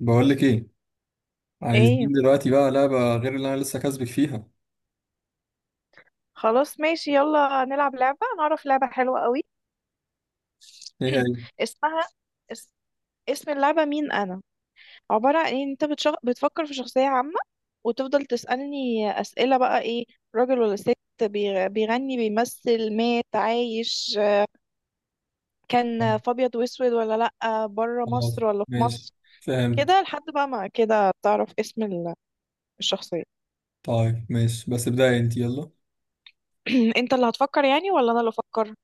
بقول لك ايه؟ ايه. عايزين دلوقتي بقى لعبة غير اللي انا لسه كاسبك فيها. خلاص ماشي، يلا نلعب لعبة، انا اعرف لعبة حلوة قوي. ايه هي؟ اسمها اس... اسم اللعبة، مين انا. عبارة عن ان انت بتفكر في شخصية عامة، وتفضل تسألني اسئلة، بقى ايه؟ راجل ولا ست؟ بيغني، بيمثل، مات، عايش، كان في ابيض واسود ولا لأ، بره مصر خلاص ولا في ماشي، مصر. فهمت. كده لحد بقى ما كده تعرف اسم الشخصية. طيب ماشي بس ابدأي انت، يلا. انت اللي هتفكر يعني ولا انا اللي افكر؟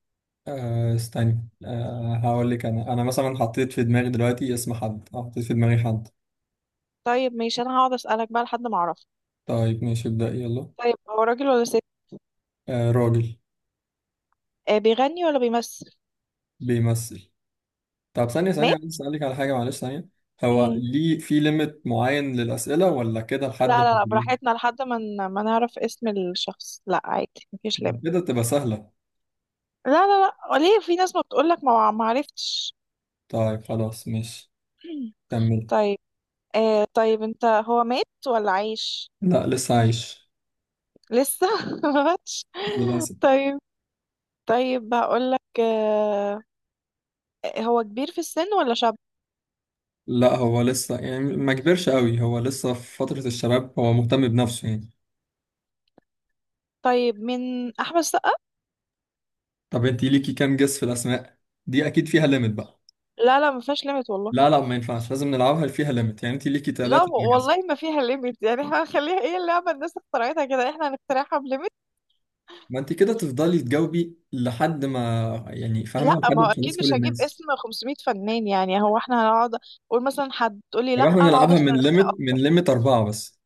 آه استني، آه هقول لك، انا مثلا حطيت في دماغي دلوقتي اسم حد، آه، حطيت في دماغي حد. طيب ماشي، انا هقعد اسألك بقى لحد ما اعرف. طيب ماشي، ابدأي يلا. طيب، هو راجل ولا ست؟ آه راجل. بيغني ولا بيمثل؟ بيمثل. طب ثانية ثانية، مات؟ عايز اسألك على حاجة، معلش ثانية. هو مم. ليه في ليميت معين للأسئلة ولا كده لحد لا ما لا لا، تجيب؟ براحتنا لحد ما ما نعرف اسم الشخص، لا عادي مفيش لم. كده تبقى سهلة. لا لا لا، ليه في ناس ما بتقولك ما عرفتش؟ طيب خلاص ماشي. كمل. طيب. آه طيب، انت هو مات ولا عايش؟ لا لسه عايش. لسه ما ماتش. للأسف. طيب. طيب هقولك، آه، هو كبير في السن ولا شاب؟ لا، هو لسه يعني ما كبرش قوي، هو لسه في فترة الشباب، هو مهتم بنفسه يعني. طيب، من احمد السقا؟ طب انت ليكي كام جس في الأسماء؟ دي أكيد فيها ليميت بقى. لا لا ما فيهاش ليميت والله. لا لا، ما ينفعش، لازم نلعبها فيها ليميت، يعني انت ليكي لا ثلاثة جس. والله ما فيها ليميت، يعني احنا هنخليها ايه؟ اللعبه الناس اخترعتها كده، احنا هنخترعها بليميت؟ ما انت كده تفضلي تجاوبي لحد ما، يعني فاهمة، لا لحد ما ما هو اكيد خلاص كل مش هجيب الناس. اسم 500 فنان، يعني هو احنا هنقعد اقول مثلا حد تقول لي طب لا، احنا هقعد نلعبها اسال من اسئله ليميت، من اكتر. ليميت أربعة بس.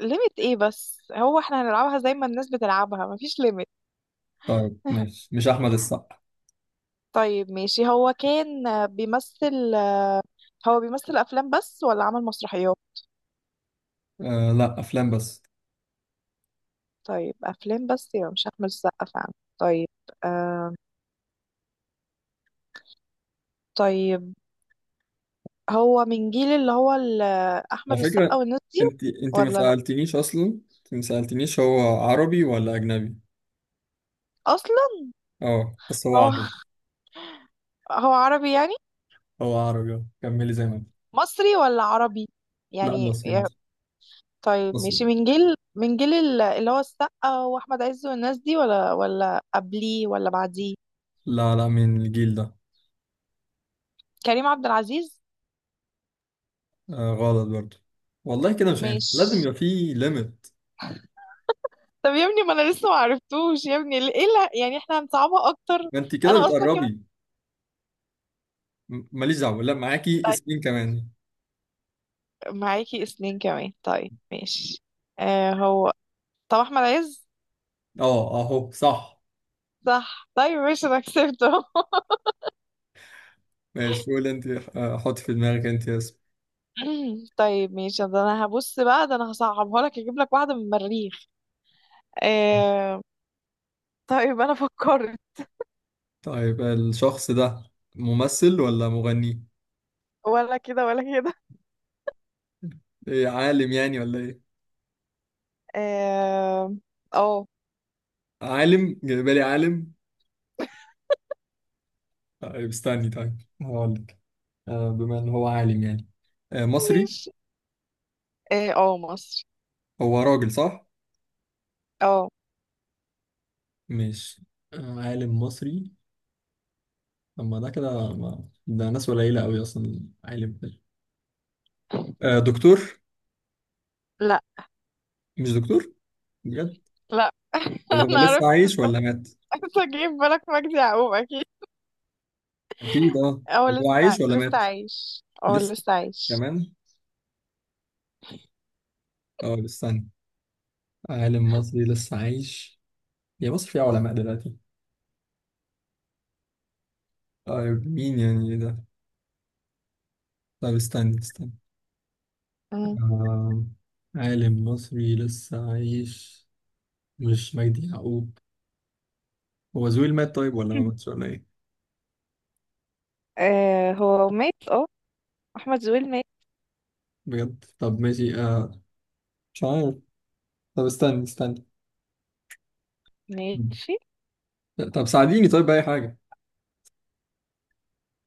ليميت ايه بس؟ هو احنا هنلعبها زي ما الناس بتلعبها، مفيش ليميت. طيب ماشي، مش أحمد السقا. طيب ماشي، هو كان بيمثل. هو بيمثل افلام بس ولا عمل مسرحيات؟ آه لا، أفلام بس. طيب افلام بس، يبقى مش احمد السقا فعلا. طيب، آه، طيب، هو من جيل اللي هو احمد على السقا فكرة، والناس دي؟ انت ما ولا لا سألتنيش أصلا، انت ما سألتنيش هو عربي ولا أجنبي. اصلا. اه بس هو هو عربي. هو عربي يعني، هو عربي اه، كملي زي ما انت. مصري ولا عربي لا يعني؟ مصري، مصري، طيب ماشي، مصري. من جيل اللي هو السقا واحمد عز والناس دي، ولا قبليه ولا بعديه؟ لا لا، من الجيل ده. كريم عبد العزيز؟ آه غلط برضو. والله كده مش عارف، لازم ماشي. يبقى في ليميت. طب يا ابني ما انا لسه ما عرفتوش، يا ابني ايه اللي يعني احنا هنصعبها اكتر؟ انت كده انا اصلا كمان. بتقربي. ماليش دعوة، لا معاكي طيب، اسمين كمان. معاكي اتنين كمان، طيب ماشي. آه هو، طب احمد عز؟ اه اهو صح. صح، طيب ماشي، انا كسبته ماشي، قول انت. آه، حط في دماغك انت اسم. طيب ماشي، ده انا هبص بقى، ده انا هصعبها لك، اجيب لك واحده من المريخ. آه طيب انا فكرت. طيب الشخص ده ممثل ولا مغني؟ ولا كده ولا كده. ايه، عالم يعني ولا ايه؟ اه، آه، عالم جايبالي، عالم؟ طيب استني، طيب هقولك. آه بما ان هو عالم يعني. آه مصري. ماشي. اه، مصر. هو راجل صح؟ اه. مش عالم مصري. اما ده كده ما... ده ناس قليلة قوي اصلا عالم ده. آه دكتور. لا. مش دكتور؟ بجد؟ لا طب هو انا لسه عرفت، عايش ولا مات؟ اجيب بالك مجدي يعقوب اكيد. أكيد أه. اه طب هو لسه، عايش ولا لسه مات؟ عايش، اه لسه لسه عايش. كمان؟ أه استنى، عالم مصري لسه عايش، يا مصر فيها علماء دلوقتي. طيب مين يعني، إيه ده؟ طب استنى استنى. مم. آه، عالم مصري لسه عايش، مش مجدي يعقوب. هو زويل مات طيب ولا ما ماتش ولا ايه؟ آه هو مات، اه، احمد زويل مات. بجد؟ طب ماشي، آه، مش عارف. طب استنى استنى. مم. ماشي. طب ساعديني طيب بأي حاجة.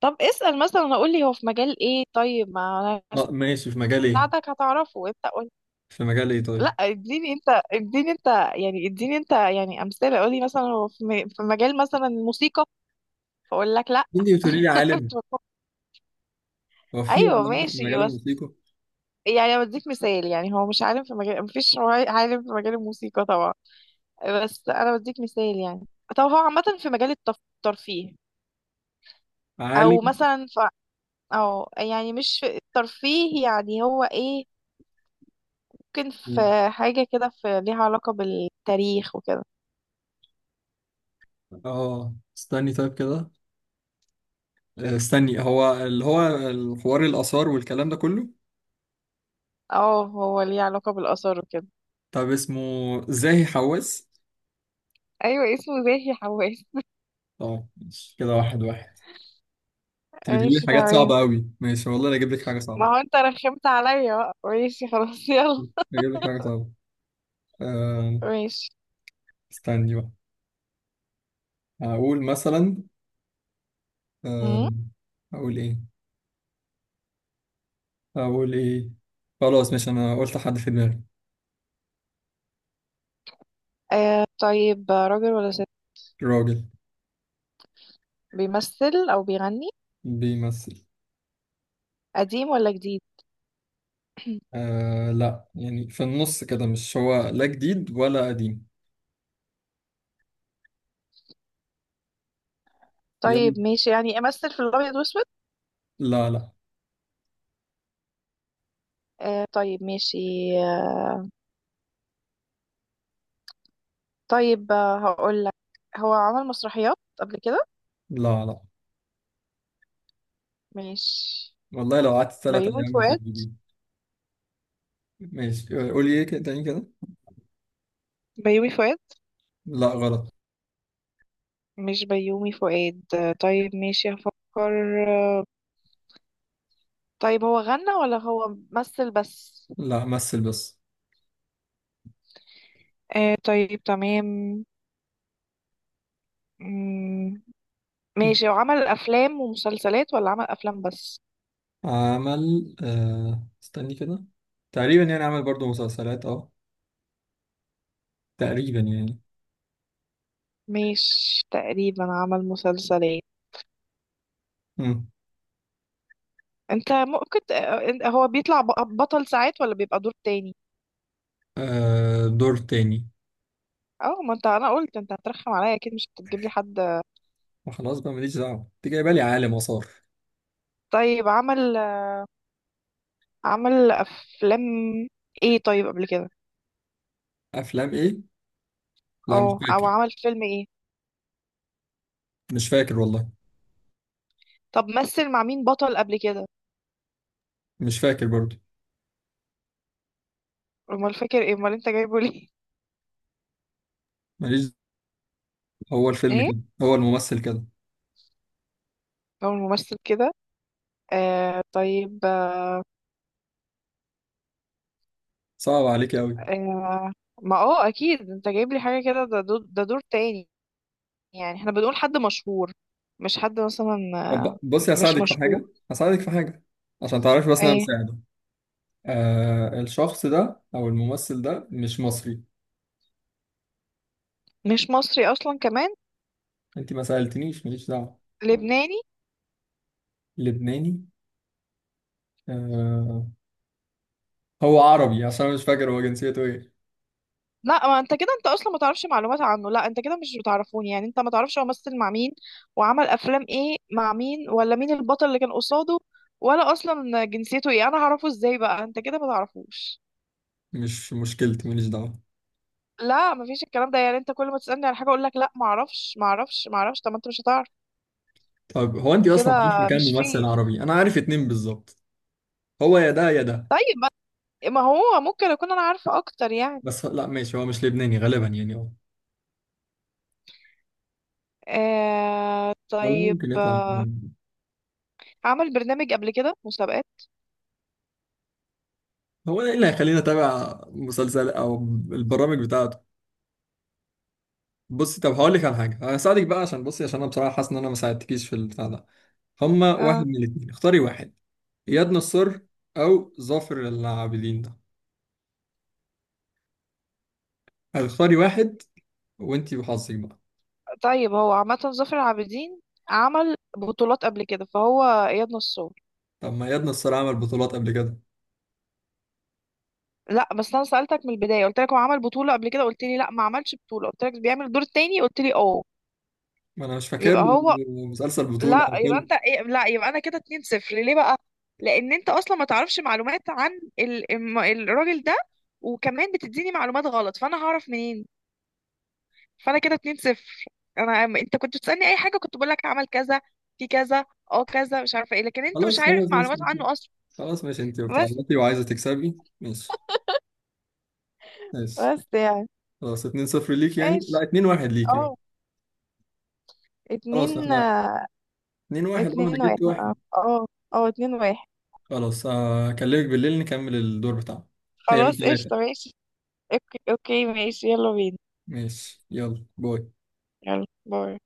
طب اسأل مثلا، اقول لي هو في مجال ايه؟ طيب ما انا اه ماشي، في مجال ايه؟ ساعدك هتعرفه، انت قول. في مجال ايه لا طيب؟ اديني انت، اديني انت. يعني اديني انت، يعني امثله، قول لي مثلا هو في مجال مثلا الموسيقى، فاقول لك لا. مين اللي بتقولي لي عالم؟ هو في ايوه علماء في ماشي، مجال بس الموسيقى؟ يعني انا بديك مثال، يعني هو مش عالم في مجال مفيش، هو عالم في مجال الموسيقى طبعا، بس انا بديك مثال يعني. طب هو عامة في مجال الترفيه، او عالم؟ مثلا او يعني مش في الترفيه، يعني هو ايه؟ ممكن في إيه؟ حاجة كده في ليها علاقة بالتاريخ وكده. اه استني طيب كده. آه، استني، هو اللي هو الحوار الآثار والكلام ده كله. اه هو ليه علاقة بالآثار وكده. طب اسمه زاهي حواس؟ ايوه اسمه زاهي حواس. طب ماشي، كده واحد واحد. انت بتجيبي لي ماشي حاجات تمام. صعبة أوي، ماشي والله انا اجيب لك حاجة ما صعبة. هو انت رخمت عليا بقى، ماشي خلاص يلا. اجيب لك حاجة صعبة. آه، ماشي. استني بقى. هقول مثلا، مم. آه، هقول ايه؟ أقول إيه؟ خلاص مش أنا قلت حد في دماغي. آه طيب، راجل ولا ست؟ راجل. بيمثل او بيغني؟ بيمثل. قديم ولا جديد؟ آه لا، يعني في النص كده، مش هو لا جديد ولا قديم. يلا. طيب ماشي، يعني امثل في الابيض واسود؟ لا لا. آه طيب ماشي. آه طيب، آه هقول لك، هو عمل مسرحيات قبل كده؟ لا لا. ماشي. والله لو قعدت تلات بيومي أيام مش فؤاد. هتجيبيه. ماشي. آه، قولي إيه كده تاني كده. بيومي فؤاد. لا غلط. مش بيومي فؤاد؟ آه طيب ماشي، هفكر، آه. طيب هو غنى ولا هو مثل بس؟ لا مثل بس. آه طيب تمام. مم، ماشي، هو عمل افلام ومسلسلات ولا عمل افلام بس؟ عمل، آه استني كده، تقريبا يعني عمل برضو مسلسلات اه، تقريبا يعني. مش تقريبا عمل مسلسلات؟ مم. انت ممكن ت- انت- هو بيطلع بطل ساعات ولا بيبقى دور تاني؟ آه دور تاني. اه، ما انت انا قلت انت هترخم عليا اكيد مش هتجيب لي حد. ما خلاص بقى ماليش دعوة، انت جايبه لي عالم وصار. طيب، عمل افلام ايه طيب قبل كده؟ افلام ايه؟ لا مش اه، او فاكر. عمل فيلم ايه؟ مش فاكر والله. طب مثل مع مين بطل قبل كده؟ مش فاكر برضو. امال فاكر ايه، امال انت جايبه ليه؟ ماليش. هو الفيلم ايه، كده. هو الممثل كده. هو ممثل كده. آه طيب آه. صعب عليك قوي. ما اه اكيد انت جايب لي حاجه كده، ده دور، ده دور تاني. يعني احنا بنقول حد مشهور، مش حد مثلا طب بصي مش هساعدك في مشهور. حاجة، هساعدك في حاجة عشان تعرفي بس إن أنا ايه؟ بساعده. آه الشخص ده أو الممثل ده مش مصري. مش مصري اصلا كمان؟ أنت ما سألتنيش، ماليش دعوة. لبناني؟ لبناني. آه، هو عربي، عشان أنا مش فاكر هو جنسيته إيه. لا ما انت كده، انت اصلا ما تعرفش معلومات عنه، لا انت كده مش بتعرفوني، يعني انت ما تعرفش هو مثل مع مين، وعمل افلام ايه مع مين، ولا مين البطل اللي كان قصاده، ولا اصلا جنسيته ايه، انا هعرفه ازاي بقى؟ انت كده ما تعرفوش. مش مشكلتي، ماليش دعوة. لا ما فيش الكلام ده، يعني انت كل ما تسالني على حاجه اقول لك لا ما اعرفش ما اعرفش ما اعرفش، طب ما انت مش هتعرف. طب هو أنت كده أصلا عارفة كام مش ممثل فير. عربي؟ أنا عارف 2 بالظبط. هو يا ده يا ده. طيب ما هو ممكن اكون انا عارفه اكتر يعني. بس لا ماشي، هو مش لبناني غالبا يعني. آه والله ممكن طيب، يطلع عمل برنامج قبل كده، مسابقات؟ هو ايه اللي هيخليني اتابع مسلسل او البرامج بتاعته؟ بصي طب هقول لك على حاجه، هساعدك بقى، عشان بصي، عشان انا بصراحه حاسس ان انا ما ساعدتكيش في البتاع ده. هما واحد آه، من الاثنين، اختاري واحد. اياد نصار او ظافر العابدين ده. هتختاري واحد، وانتي وحظك بقى. طيب هو عامة ظافر العابدين عمل بطولات قبل كده، فهو اياد نصار. طب ما اياد نصار عمل بطولات قبل كده. لا بس انا سألتك من البداية، قلت لك هو عمل بطولة قبل كده، قلت لي لا ما عملش بطولة، قلت لك بيعمل الدور التاني، قلت لي اه. ما انا مش فاكر يبقى له هو. مسلسل بطوله لا او يبقى فيلم. انت إيه؟ لا يبقى انا كده 2-0 ليه بقى؟ لان انت اصلا ما تعرفش معلومات عن الراجل ده، وكمان بتديني معلومات غلط، فانا هعرف منين؟ فانا كده 2-0. انا انت كنت بتسألني اي حاجة كنت بقول لك عمل كذا في كذا، اه كذا مش عارفة ايه، لكن انت مش خلاص عارف خلاص ماشي معلومات انتي. عنه اصلا. خلاص ماشي انتي بس، بتعيطي وعايزه تكسبي. ماشي. ماشي. بس يعني، خلاص 2-0 ليك يعني، لا ماشي، 2-1 ليك. اه، خلاص اتنين، احنا 2-1، اه انا اتنين واحد، جبت اه واحد. اه، اه اتنين واحد. خلاص هكلمك بالليل نكمل الدور بتاعنا. هي من خلاص قشطة، 3. ماشي، اوكي اوكي، ماشي يلا بينا. ماشي يلا، باي. يلا باي.